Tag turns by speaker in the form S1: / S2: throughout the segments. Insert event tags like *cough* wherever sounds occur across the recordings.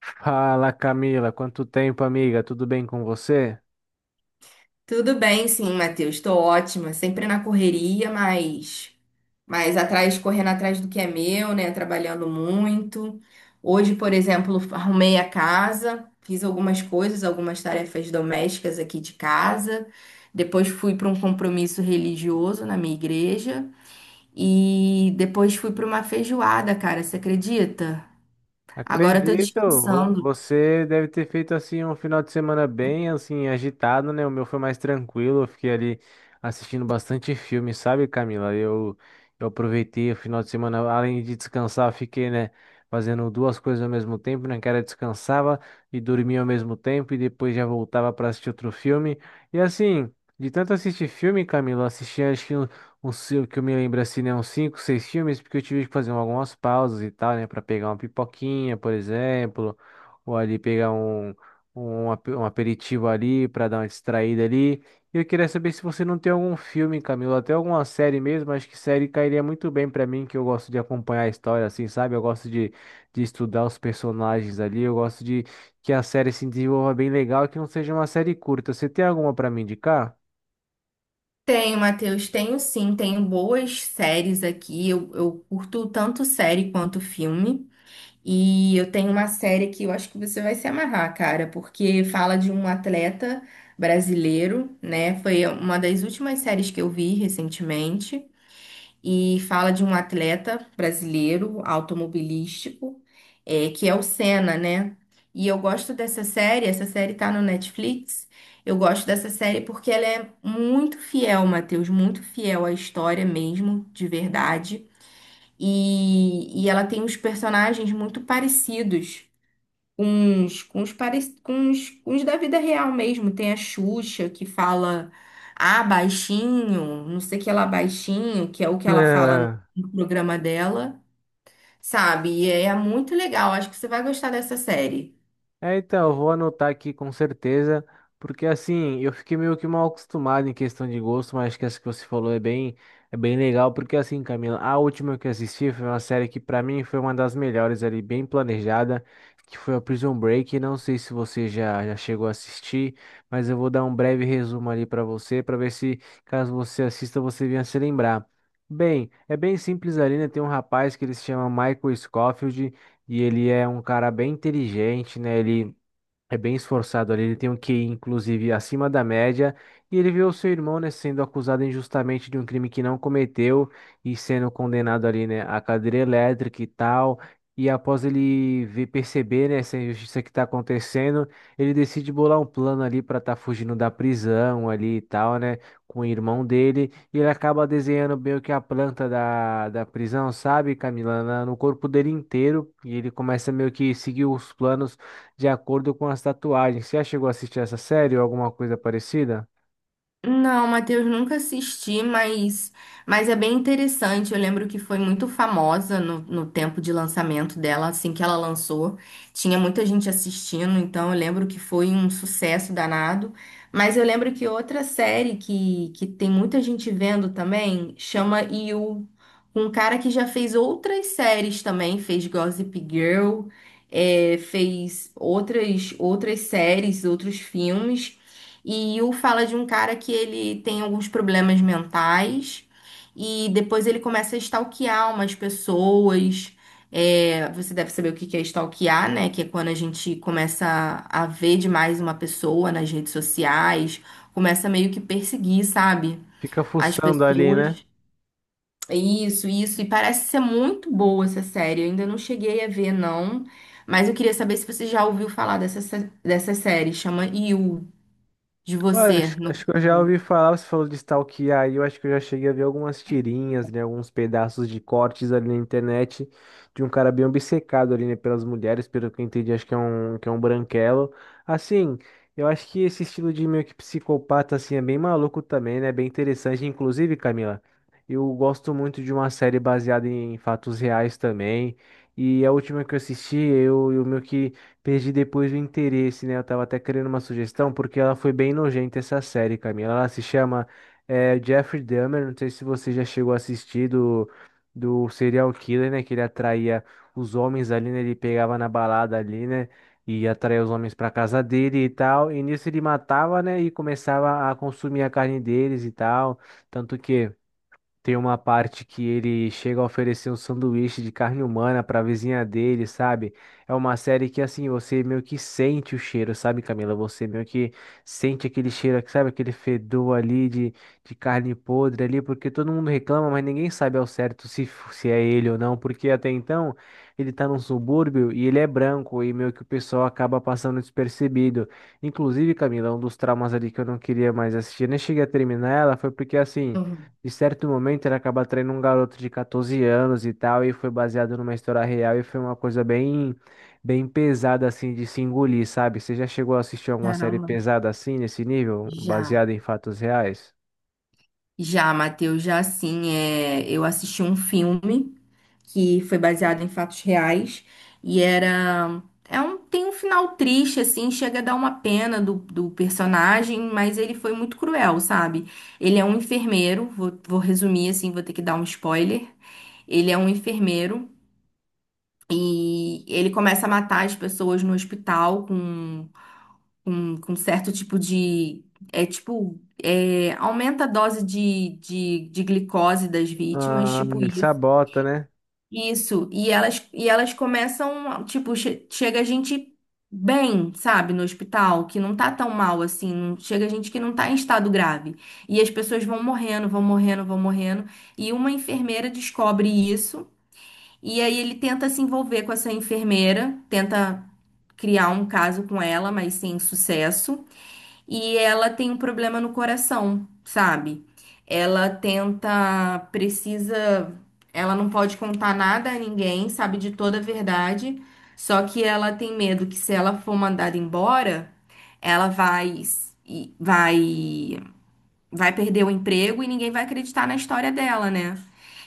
S1: Fala, Camila, quanto tempo, amiga? Tudo bem com você?
S2: Tudo bem, sim, Matheus. Estou ótima. Sempre na correria, mas atrás, correndo atrás do que é meu, né? Trabalhando muito. Hoje, por exemplo, arrumei a casa, fiz algumas coisas, algumas tarefas domésticas aqui de casa. Depois fui para um compromisso religioso na minha igreja. E depois fui para uma feijoada, cara. Você acredita? Agora eu tô
S1: Acredito,
S2: descansando.
S1: você deve ter feito assim um final de semana bem assim agitado, né? O meu foi mais tranquilo, eu fiquei ali assistindo bastante filme, sabe, Camila? Eu aproveitei o final de semana, além de descansar, eu fiquei, né, fazendo duas coisas ao mesmo tempo, né? Que era descansava e dormia ao mesmo tempo e depois já voltava para assistir outro filme. E assim, de tanto assistir filme, Camila, eu assisti acho que uns O seu que eu me lembro assim, né? Uns cinco, seis filmes, porque eu tive que fazer algumas pausas e tal, né? Pra pegar uma pipoquinha, por exemplo, ou ali pegar um aperitivo ali pra dar uma distraída ali. E eu queria saber se você não tem algum filme, Camilo, até alguma série mesmo, acho que série cairia muito bem pra mim, que eu gosto de acompanhar a história, assim, sabe? Eu gosto de estudar os personagens ali, eu gosto de que a série se desenvolva bem legal, e que não seja uma série curta. Você tem alguma pra me indicar?
S2: Tenho, Matheus, tenho sim, tenho boas séries aqui. Eu curto tanto série quanto filme. E eu tenho uma série que eu acho que você vai se amarrar, cara, porque fala de um atleta brasileiro, né? Foi uma das últimas séries que eu vi recentemente e fala de um atleta brasileiro automobilístico, que é o Senna, né? E eu gosto dessa série, essa série tá no Netflix. Eu gosto dessa série porque ela é muito fiel, Matheus, muito fiel à história mesmo, de verdade. E ela tem uns personagens muito parecidos uns, com uns, com uns, com uns da vida real mesmo. Tem a Xuxa que fala, ah, baixinho, não sei o que lá, baixinho, que é o que
S1: *laughs*
S2: ela fala no
S1: É.
S2: no programa dela, sabe? E é muito legal, acho que você vai gostar dessa série.
S1: É, então, eu vou anotar aqui com certeza, porque assim, eu fiquei meio que mal acostumado em questão de gosto, mas acho que essa que você falou é bem legal, porque assim, Camila, a última que eu assisti foi uma série que pra mim foi uma das melhores ali, bem planejada, que foi a Prison Break, não sei se já chegou a assistir, mas eu vou dar um breve resumo ali pra você, pra ver se, caso você assista, você venha se lembrar. Bem, é bem simples ali, né? Tem um rapaz que ele se chama Michael Scofield, e ele é um cara bem inteligente, né? É bem esforçado ali, ele tem um QI, inclusive, acima da média, e ele vê o seu irmão, né, sendo acusado injustamente de um crime que não cometeu e sendo condenado ali, né, à cadeira elétrica e tal. E após ele ver, perceber, né, essa injustiça que está acontecendo, ele decide bolar um plano ali para estar fugindo da prisão ali e tal, né, com o irmão dele. E ele acaba desenhando meio que a planta da prisão, sabe, Camila, no corpo dele inteiro. E ele começa meio que seguir os planos de acordo com as tatuagens. Você já chegou a assistir essa série ou alguma coisa parecida?
S2: Não, Matheus, nunca assisti, mas é bem interessante. Eu lembro que foi muito famosa no tempo de lançamento dela, assim que ela lançou. Tinha muita gente assistindo, então eu lembro que foi um sucesso danado. Mas eu lembro que outra série que tem muita gente vendo também chama You, um cara que já fez outras séries também, fez Gossip Girl, fez outras, outras séries, outros filmes. E um fala de um cara que ele tem alguns problemas mentais e depois ele começa a stalkear umas pessoas. É, você deve saber o que que é stalkear, né? Que é quando a gente começa a ver demais uma pessoa nas redes sociais, começa meio que perseguir, sabe?
S1: Fica
S2: As
S1: fuçando ali, né?
S2: pessoas. Isso, isso. E parece ser muito boa essa série. Eu ainda não cheguei a ver, não. Mas eu queria saber se você já ouviu falar dessa série. Chama You, de
S1: Olha,
S2: você, no
S1: acho que eu já
S2: caso.
S1: ouvi falar, você falou de stalkear, aí eu acho que eu já cheguei a ver algumas tirinhas, né, alguns pedaços de cortes ali na internet de um cara bem obcecado ali, né, pelas mulheres, pelo que eu entendi, acho que que é um branquelo. Assim, eu acho que esse estilo de meio que psicopata, assim, é bem maluco também, né, bem interessante. Inclusive, Camila, eu gosto muito de uma série baseada em fatos reais também, e a última que eu assisti, eu meio que perdi depois o interesse, né? Eu tava até querendo uma sugestão, porque ela foi bem nojenta essa série, Camila. Ela se chama Jeffrey Dahmer. Não sei se você já chegou a assistir do serial killer, né? Que ele atraía os homens ali, né? Ele pegava na balada ali, né? E atraía os homens pra casa dele e tal. E nisso ele matava, né? E começava a consumir a carne deles e tal. Tanto que. Tem uma parte que ele chega a oferecer um sanduíche de carne humana para a vizinha dele, sabe? É uma série que assim, você meio que sente o cheiro, sabe, Camila? Você meio que sente aquele cheiro, sabe, aquele fedor ali de carne podre ali, porque todo mundo reclama, mas ninguém sabe ao certo se, se é ele ou não, porque até então ele tá num subúrbio e ele é branco e meio que o pessoal acaba passando despercebido. Inclusive, Camila, um dos traumas ali que eu não queria mais assistir, nem cheguei a terminar ela, foi porque assim,
S2: Uhum.
S1: de certo momento, ele acaba traindo um garoto de 14 anos e tal, e foi baseado numa história real e foi uma coisa bem, bem pesada, assim, de se engolir, sabe? Você já chegou a assistir alguma série
S2: Caramba.
S1: pesada assim, nesse nível,
S2: Já,
S1: baseada em fatos reais?
S2: já, Matheus, já sim. É, eu assisti um filme que foi baseado em fatos reais e era. É um, tem um final triste, assim, chega a dar uma pena do personagem, mas ele foi muito cruel, sabe? Ele é um enfermeiro, vou resumir assim, vou ter que dar um spoiler. Ele é um enfermeiro e ele começa a matar as pessoas no hospital com com certo tipo de. É tipo. Aumenta a dose de glicose das vítimas,
S1: Ah,
S2: tipo
S1: ele
S2: isso.
S1: sabota, né?
S2: Isso. E elas começam. Tipo, chega gente bem, sabe, no hospital, que não tá tão mal assim. Chega gente que não tá em estado grave. E as pessoas vão morrendo, vão morrendo, vão morrendo. E uma enfermeira descobre isso. E aí ele tenta se envolver com essa enfermeira, tenta criar um caso com ela, mas sem sucesso. E ela tem um problema no coração, sabe? Ela tenta, precisa, ela não pode contar nada a ninguém, sabe de toda a verdade. Só que ela tem medo que se ela for mandada embora, ela vai e- vai vai perder o emprego e ninguém vai acreditar na história dela, né?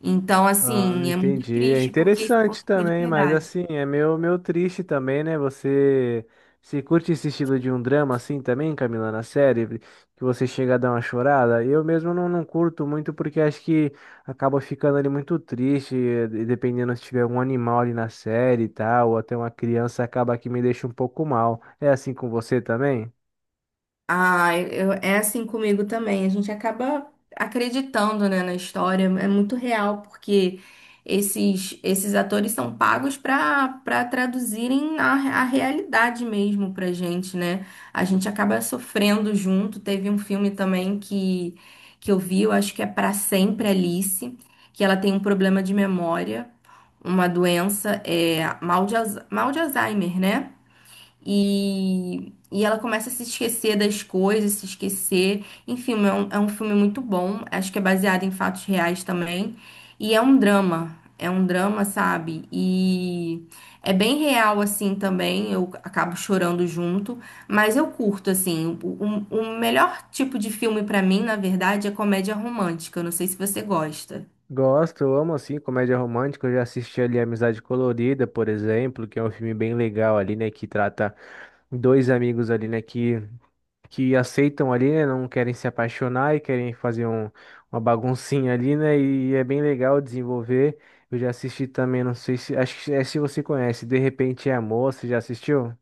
S2: Então,
S1: Ah,
S2: assim, é muito
S1: entendi. É
S2: triste porque isso
S1: interessante
S2: aconteceu de
S1: também, mas
S2: verdade.
S1: assim, é meio, meio triste também, né? Você se curte esse estilo de um drama assim também, Camila, na série, que você chega a dar uma chorada? Eu mesmo não curto muito porque acho que acaba ficando ali muito triste, dependendo se tiver algum animal ali na série e tal, ou até uma criança acaba que me deixa um pouco mal. É assim com você também?
S2: Ah, eu, é assim comigo também. A gente acaba acreditando, né, na história. É muito real, porque esses atores são pagos para traduzirem a realidade mesmo pra gente, né? A gente acaba sofrendo junto. Teve um filme também que eu vi, eu acho que é Pra Sempre Alice, que ela tem um problema de memória, uma doença, mal de, mal de Alzheimer, né? E ela começa a se esquecer das coisas, se esquecer. Enfim, é um filme muito bom. Acho que é baseado em fatos reais também. E é um drama. É um drama, sabe? E é bem real, assim, também. Eu acabo chorando junto. Mas eu curto, assim. O melhor tipo de filme pra mim, na verdade, é comédia romântica. Eu não sei se você gosta.
S1: Gosto, eu amo assim comédia romântica. Eu já assisti ali Amizade Colorida, por exemplo, que é um filme bem legal ali, né? Que trata dois amigos ali, né, que aceitam ali, né, não querem se apaixonar e querem fazer uma baguncinha ali, né, e é bem legal desenvolver. Eu já assisti também, não sei se, acho que é se você conhece, De Repente é Amor, você já assistiu?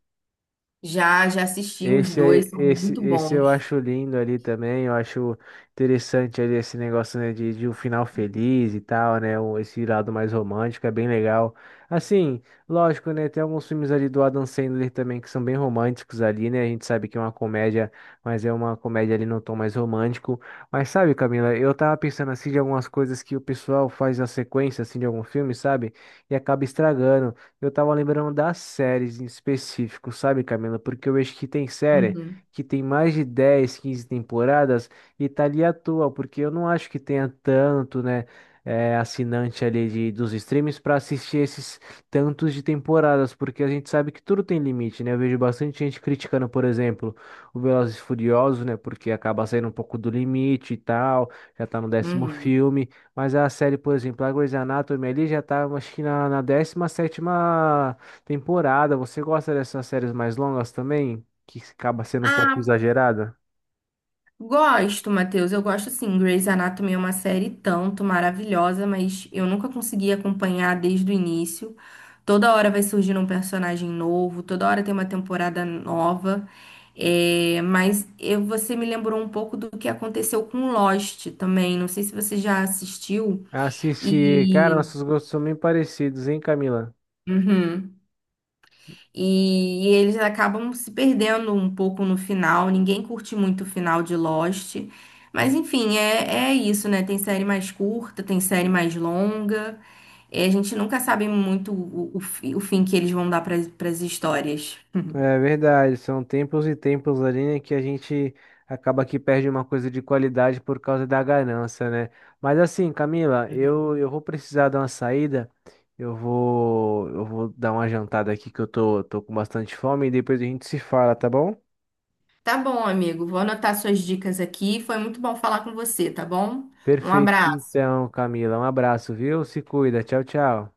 S2: Já, já assisti os dois, são muito
S1: Esse eu
S2: bons.
S1: acho lindo ali também, eu acho interessante ali esse negócio, né, de um final feliz e tal, né, esse lado mais romântico é bem legal. Assim, lógico, né, tem alguns filmes ali do Adam Sandler também que são bem românticos ali, né, a gente sabe que é uma comédia, mas é uma comédia ali num tom mais romântico. Mas sabe, Camila, eu tava pensando assim de algumas coisas que o pessoal faz na sequência, assim, de algum filme, sabe, e acaba estragando. Eu tava lembrando das séries em específico, sabe, Camila? Porque eu vejo que tem série
S2: Uhum,
S1: que tem mais de 10, 15 temporadas e tá ali à toa, porque eu não acho que tenha tanto, né, assinante ali dos streams pra assistir esses tantos de temporadas, porque a gente sabe que tudo tem limite, né? Eu vejo bastante gente criticando, por exemplo, o Velozes e Furiosos, né, porque acaba saindo um pouco do limite e tal, já tá no décimo
S2: uhum.
S1: filme. Mas a série, por exemplo, a Grey's Anatomy ali já tá, acho que na 17ª temporada. Você gosta dessas séries mais longas também? Que acaba sendo um pouco
S2: Ah,
S1: exagerada?
S2: gosto, Matheus. Eu gosto sim. Grey's Anatomy é uma série tanto maravilhosa, mas eu nunca consegui acompanhar desde o início. Toda hora vai surgindo um personagem novo, toda hora tem uma temporada nova. É, mas você me lembrou um pouco do que aconteceu com Lost também. Não sei se você já assistiu.
S1: Assistir, cara,
S2: E.
S1: nossos gostos são bem parecidos, hein, Camila?
S2: Uhum. E eles acabam se perdendo um pouco no final. Ninguém curte muito o final de Lost. Mas enfim, é, é isso, né? Tem série mais curta, tem série mais longa. E a gente nunca sabe muito o fim que eles vão dar para as histórias. *laughs*
S1: É verdade, são tempos e tempos ali, né, que a gente acaba que perde uma coisa de qualidade por causa da ganância, né? Mas assim, Camila, eu vou precisar dar uma saída, eu vou dar uma jantada aqui que eu tô com bastante fome e depois a gente se fala, tá bom?
S2: Tá bom, amigo. Vou anotar suas dicas aqui. Foi muito bom falar com você, tá bom? Um
S1: Perfeito,
S2: abraço.
S1: então, Camila, um abraço, viu? Se cuida, tchau, tchau.